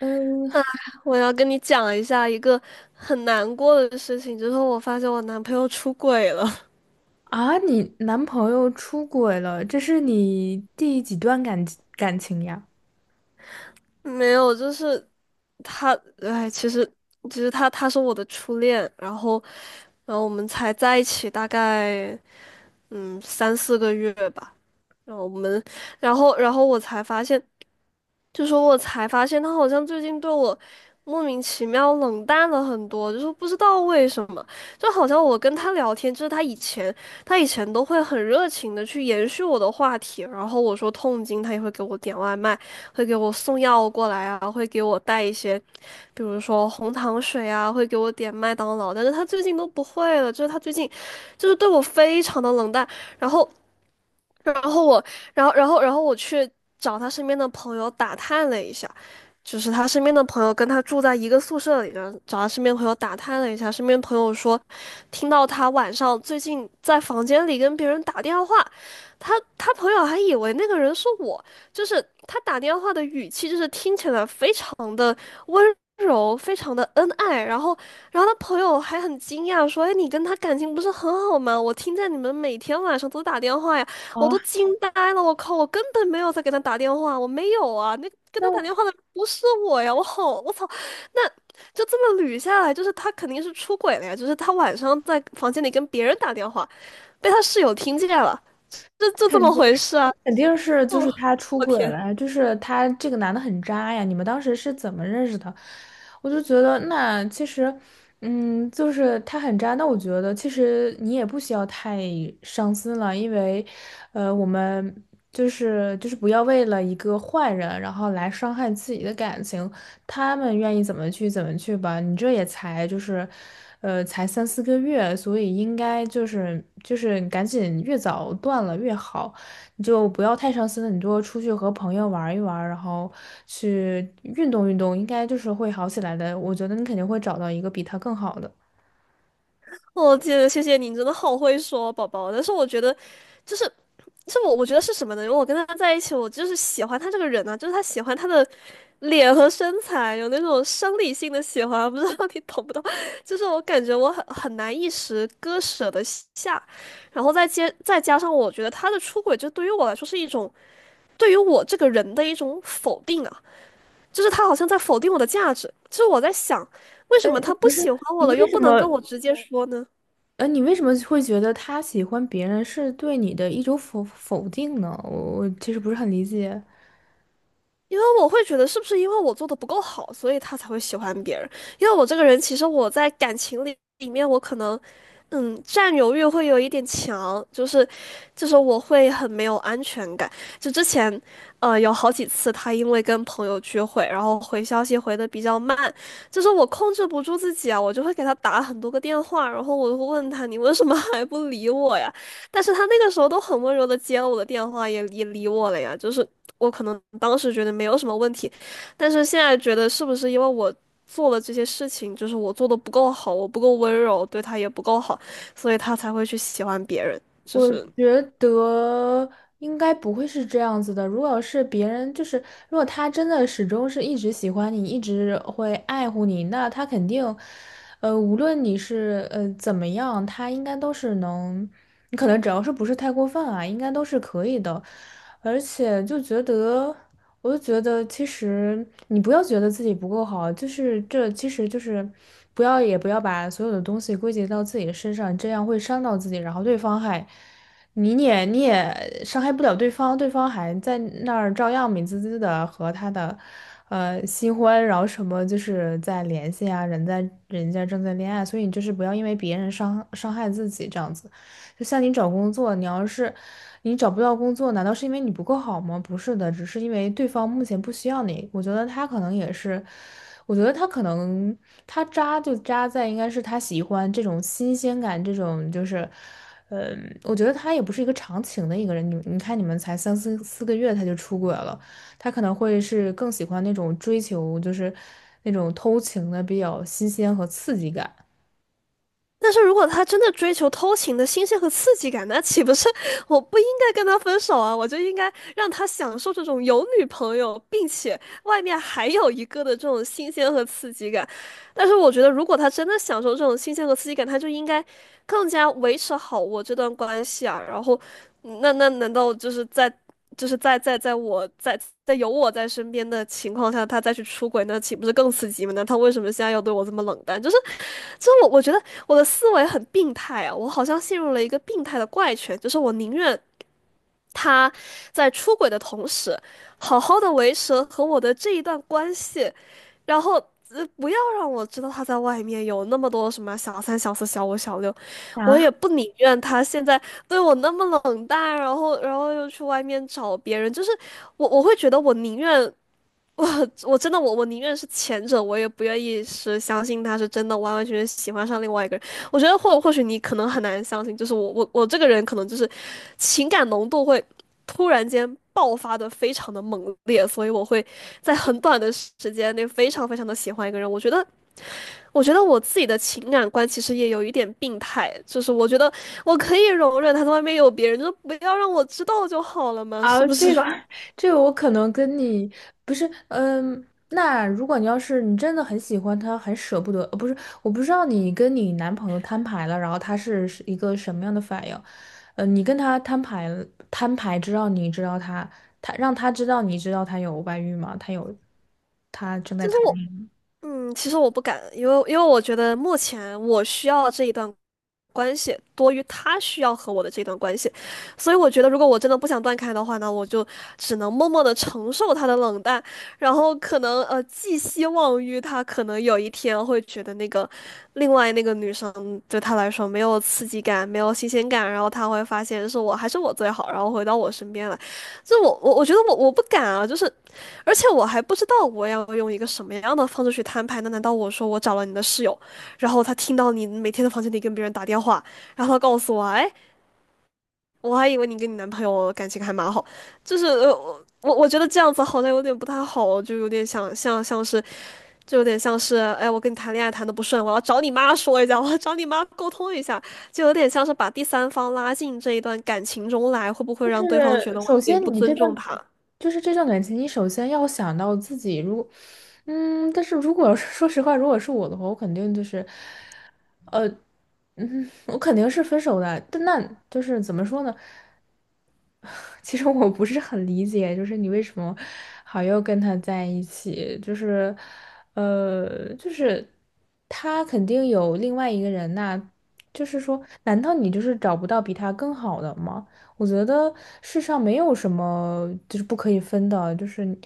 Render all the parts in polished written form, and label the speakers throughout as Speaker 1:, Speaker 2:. Speaker 1: 嗯。
Speaker 2: 我要跟你讲一下一个很难过的事情，就是我发现我男朋友出轨了。
Speaker 1: 啊，你男朋友出轨了，这是你第几段感情呀？
Speaker 2: 没有，就是他，哎，其实他是我的初恋，然后我们才在一起大概三四个月吧，然后我们然后然后我才发现。就说我才发现他好像最近对我莫名其妙冷淡了很多，就是不知道为什么，就好像我跟他聊天，就是他以前都会很热情的去延续我的话题，然后我说痛经，他也会给我点外卖，会给我送药过来啊，会给我带一些，比如说红糖水啊，会给我点麦当劳，但是他最近都不会了，就是他最近就是对我非常的冷淡。然后然后我，然后我去找他身边的朋友打探了一下，就是他身边的朋友跟他住在一个宿舍里，然后找他身边朋友打探了一下，身边朋友说，听到他晚上最近在房间里跟别人打电话，他朋友还以为那个人是我，就是他打电话的语气，就是听起来非常的温柔，非常的恩爱。然后。然后他朋友还很惊讶说：“哎，你跟他感情不是很好吗？我听见你们每天晚上都打电话呀。”我都
Speaker 1: 啊，
Speaker 2: 惊呆了，我靠，我根本没有在给他打电话，我没有啊，那跟
Speaker 1: 那
Speaker 2: 他打
Speaker 1: 我
Speaker 2: 电话的不是我呀，我好，我操，那就这么捋下来，就是他肯定是出轨了呀，就是他晚上在房间里跟别人打电话，被他室友听见了，就这
Speaker 1: 肯
Speaker 2: 么
Speaker 1: 定。
Speaker 2: 回事啊。
Speaker 1: 肯定是就是他出轨了，就是他这个男的很渣呀。你们当时是怎么认识的？我就觉得那其实，就是他很渣。那我觉得其实你也不需要太伤心了，因为，我们不要为了一个坏人，然后来伤害自己的感情。他们愿意怎么去吧。你这也才就是，才三四个月，所以应该就是赶紧越早断了越好。你就不要太伤心了，你多出去和朋友玩一玩，然后去运动运动，应该就是会好起来的。我觉得你肯定会找到一个比他更好的。
Speaker 2: 我天，谢谢你，你真的好会说，宝宝。但是我觉得，就是是我觉得是什么呢？因为我跟他在一起，我就是喜欢他这个人啊，就是他喜欢他的脸和身材，有那种生理性的喜欢，不知道你懂不懂？就是我感觉我很难一时割舍得下，然后再接再加上我觉得他的出轨，就对于我来说是一种对于我这个人的一种否定啊，就是他好像在否定我的价值，就是我在想，为什么他不
Speaker 1: 不是，
Speaker 2: 喜欢我
Speaker 1: 你
Speaker 2: 了，又
Speaker 1: 为什
Speaker 2: 不能
Speaker 1: 么？
Speaker 2: 跟我直接说呢？
Speaker 1: 你为什么会觉得他喜欢别人是对你的一种否定呢？我其实不是很理解。
Speaker 2: 因为我会觉得是不是因为我做的不够好，所以他才会喜欢别人？因为我这个人，其实我在感情里面，我可能，占有欲会有一点强，就是我会很没有安全感。就之前，有好几次他因为跟朋友聚会，然后回消息回的比较慢，就是我控制不住自己啊，我就会给他打很多个电话，然后我就会问他你为什么 还不理我呀？但是他那个时候都很温柔的接了我的电话，也理我了呀。就是。我可能当时觉得没有什么问题，但是现在觉得是不是因为我做了这些事情，就是我做的不够好，我不够温柔，对他也不够好，所以他才会去喜欢别人。就
Speaker 1: 我
Speaker 2: 是
Speaker 1: 觉得应该不会是这样子的。如果是别人，就是如果他真的始终是一直喜欢你，一直会爱护你，那他肯定，无论你是怎么样，他应该都是能，你可能只要是不是太过分啊，应该都是可以的。而且就觉得。我就觉得，其实你不要觉得自己不够好，就是这，其实就是不要把所有的东西归结到自己的身上，这样会伤到自己，然后对方还你也伤害不了对方，对方还在那儿照样美滋滋的和他的新欢，然后什么就是在联系啊，人在人家正在恋爱，所以你就是不要因为别人伤害自己这样子。就像你找工作，你要是你找不到工作，难道是因为你不够好吗？不是的，只是因为对方目前不需要你。我觉得他可能也是，我觉得他可能他渣就渣在应该是他喜欢这种新鲜感，这种就是，我觉得他也不是一个长情的一个人。你看，你们才三四个月他就出轨了，他可能会是更喜欢那种追求，就是那种偷情的比较新鲜和刺激感。
Speaker 2: 但是如果他真的追求偷情的新鲜和刺激感，那岂不是我不应该跟他分手啊？我就应该让他享受这种有女朋友，并且外面还有一个的这种新鲜和刺激感。但是我觉得，如果他真的享受这种新鲜和刺激感，他就应该更加维持好我这段关系啊。然后，那难道就是在有我在身边的情况下，他再去出轨，那岂不是更刺激吗？那他为什么现在要对我这么冷淡？就是我觉得我的思维很病态啊，我好像陷入了一个病态的怪圈，就是我宁愿他在出轨的同时，好好的维持和我的这一段关系，然后不要让我知道他在外面有那么多什么小三、小四、小五、小六，我
Speaker 1: 啊。
Speaker 2: 也不宁愿他现在对我那么冷淡，然后又去外面找别人，就是我会觉得我我宁愿是前者，我也不愿意是相信他是真的完完全全喜欢上另外一个人。我觉得或许你可能很难相信，就是我这个人可能就是情感浓度会突然间爆发的非常的猛烈，所以我会在很短的时间内非常非常的喜欢一个人。我觉得我自己的情感观其实也有一点病态，就是我觉得我可以容忍他在外面有别人，就是不要让我知道就好了嘛，是
Speaker 1: 啊，
Speaker 2: 不
Speaker 1: 这
Speaker 2: 是？
Speaker 1: 个 这个我可能跟你不是，那如果你要是你真的很喜欢他，很舍不得，呃不是，我不知道你跟你男朋友摊牌了，然后他是一个什么样的反应？你跟他摊牌了，摊牌知道你知道他，他让他知道你知道他有外遇吗？他有，他正在
Speaker 2: 就是
Speaker 1: 谈。
Speaker 2: 我嗯，其实我不敢，因为我觉得目前我需要这一段关系多于他需要和我的这段关系，所以我觉得如果我真的不想断开的话呢，我就只能默默的承受他的冷淡，然后可能寄希望于他可能有一天会觉得另外那个女生对他来说没有刺激感，没有新鲜感，然后他会发现是我还是我最好，然后回到我身边来。就我觉得我不敢啊。就是。而且我还不知道我要用一个什么样的方式去摊牌呢？那难道我说我找了你的室友，然后他听到你每天在房间里跟别人打电话，然后他告诉我，哎，我还以为你跟你男朋友感情还蛮好，就是我觉得这样子好像有点不太好，就有点像是，哎，我跟你谈恋爱谈的不顺，我要找你妈说一下，我要找你妈沟通一下，就有点像是把第三方拉进这一段感情中来，会不会
Speaker 1: 但是
Speaker 2: 让对方觉得我
Speaker 1: 首
Speaker 2: 有
Speaker 1: 先
Speaker 2: 点不
Speaker 1: 你这
Speaker 2: 尊重
Speaker 1: 段
Speaker 2: 他
Speaker 1: 就是这段感情，你首先要想到自己，如果但是如果 说实话，如果是我的话，我肯定就是。呃。我肯定是分手的，但那就是怎么说呢？其实我不是很理解，就是你为什么好又跟他在一起？就是，就是他肯定有另外一个人呐、就是说，难道你就是找不到比他更好的吗？我觉得世上没有什么就是不可以分的，就是你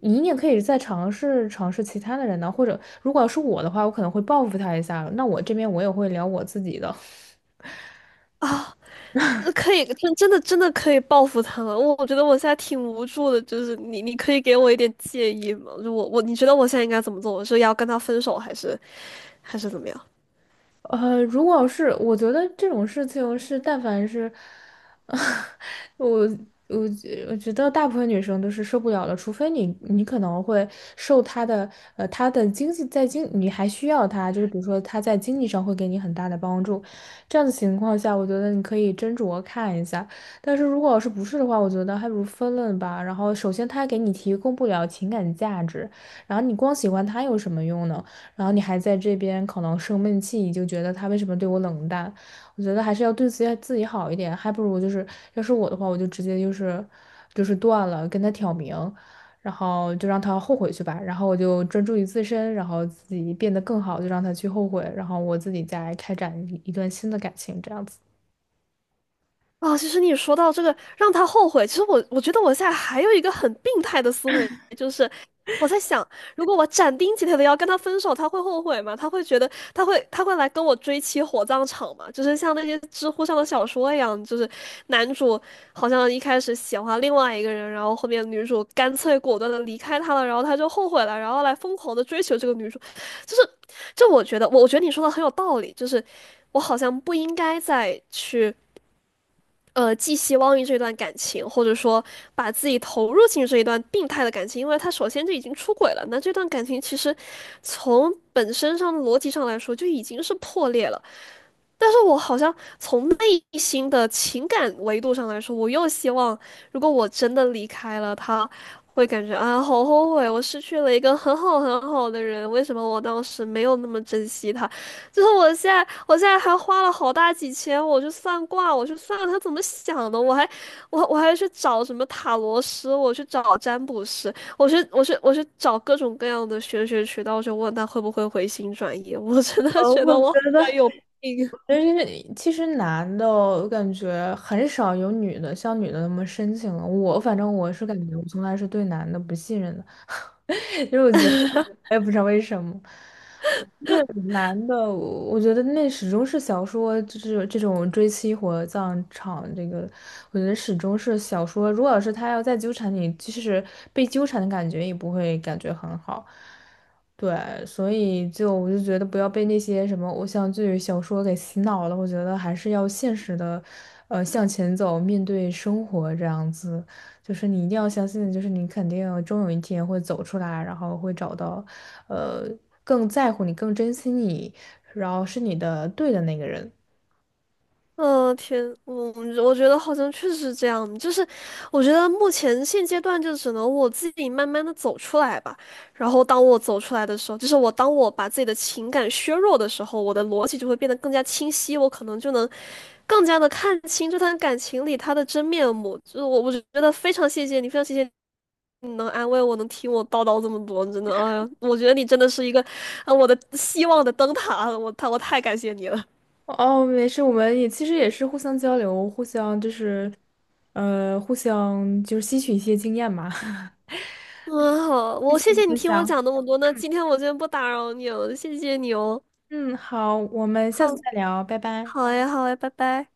Speaker 1: 你也可以再尝试尝试其他的人呢、或者如果要是我的话，我可能会报复他一下，那我这边我也会聊我自己的。
Speaker 2: 啊？那可以，真的可以报复他们。我觉得我现在挺无助的，就是你可以给我一点建议吗？就你觉得我现在应该怎么做？我是要跟他分手，还是怎么样？
Speaker 1: 如果是我觉得这种事情是，但凡是，我我我觉得大部分女生都是受不了的，除非你你可能会受她的她的经济在经你还需要她，就是比如说她在经济上会给你很大的帮助，这样的情况下，我觉得你可以斟酌看一下。但是如果要是不是的话，我觉得还不如分了吧。然后首先她给你提供不了情感价值，然后你光喜欢她有什么用呢？然后你还在这边可能生闷气，你就觉得他为什么对我冷淡？我觉得还是要对自己好一点，还不如就是要是我的话，我就直接就是断了，跟他挑明，然后就让他后悔去吧，然后我就专注于自身，然后自己变得更好，就让他去后悔，然后我自己再开展一段新的感情，这样子。
Speaker 2: 啊，其实你说到这个让他后悔，其实我觉得我现在还有一个很病态的思维，就是我在想，如果我斩钉截铁的要跟他分手，他会后悔吗？他会觉得他会来跟我追妻火葬场吗？就是像那些知乎上的小说一样，就是男主好像一开始喜欢另外一个人，然后后面女主干脆果断的离开他了，然后他就后悔了，然后来疯狂的追求这个女主，就是就我觉得我我觉得你说的很有道理，就是我好像不应该再去。寄希望于这段感情，或者说把自己投入进这一段病态的感情，因为他首先就已经出轨了，那这段感情其实从本身上的逻辑上来说就已经是破裂了。但是我好像从内心的情感维度上来说，我又希望，如果我真的离开了他，会感觉啊，好后悔，我失去了一个很好很好的人，为什么我当时没有那么珍惜他？我现在还花了好大几千，我去算卦，我去算他怎么想的，我还，我还去找什么塔罗师，我去找占卜师，我去找各种各样的玄学渠道，去问他会不会回心转意。我真的觉
Speaker 1: 我
Speaker 2: 得
Speaker 1: 觉
Speaker 2: 我好
Speaker 1: 得
Speaker 2: 像有病。
Speaker 1: 就是其实男的，我感觉很少有女的像女的那么深情了。我反正我是感觉，我从来是对男的不信任的。因为我觉得我也不知道为什么，因为男的，我觉得那始终是小说，就是这种追妻火葬场这个，我觉得始终是小说。如果要是他要再纠缠你，就是被纠缠的感觉也不会感觉很好。对，所以就我就觉得不要被那些什么偶像剧、小说给洗脑了。我觉得还是要现实的，向前走，面对生活这样子。就是你一定要相信，就是你肯定终有一天会走出来，然后会找到，呃，更在乎你、更珍惜你，然后是你的对的那个人。
Speaker 2: 嗯，天，我觉得好像确实是这样，就是我觉得目前现阶段就只能我自己慢慢的走出来吧。然后当我走出来的时候，就是我当我把自己的情感削弱的时候，我的逻辑就会变得更加清晰，我可能就能更加的看清这段感情里他的真面目。就是我觉得非常谢谢你，非常谢谢你能安慰我，能听我叨叨这么多，真的，哎呀，我觉得你真的是一个，啊，我的希望的灯塔，我太感谢你了。
Speaker 1: 哦，没事，我们也其实也是互相交流，互相就是，互相就是吸取一些经验嘛。
Speaker 2: 嗯，好，
Speaker 1: 谢
Speaker 2: 我
Speaker 1: 谢
Speaker 2: 谢
Speaker 1: 你
Speaker 2: 谢你
Speaker 1: 分
Speaker 2: 听我
Speaker 1: 享，
Speaker 2: 讲那么多，那今天我就不打扰你了，谢谢你哦。
Speaker 1: 嗯，好，我们下次
Speaker 2: 好，
Speaker 1: 再聊，拜拜。
Speaker 2: 好哎，好哎，拜拜。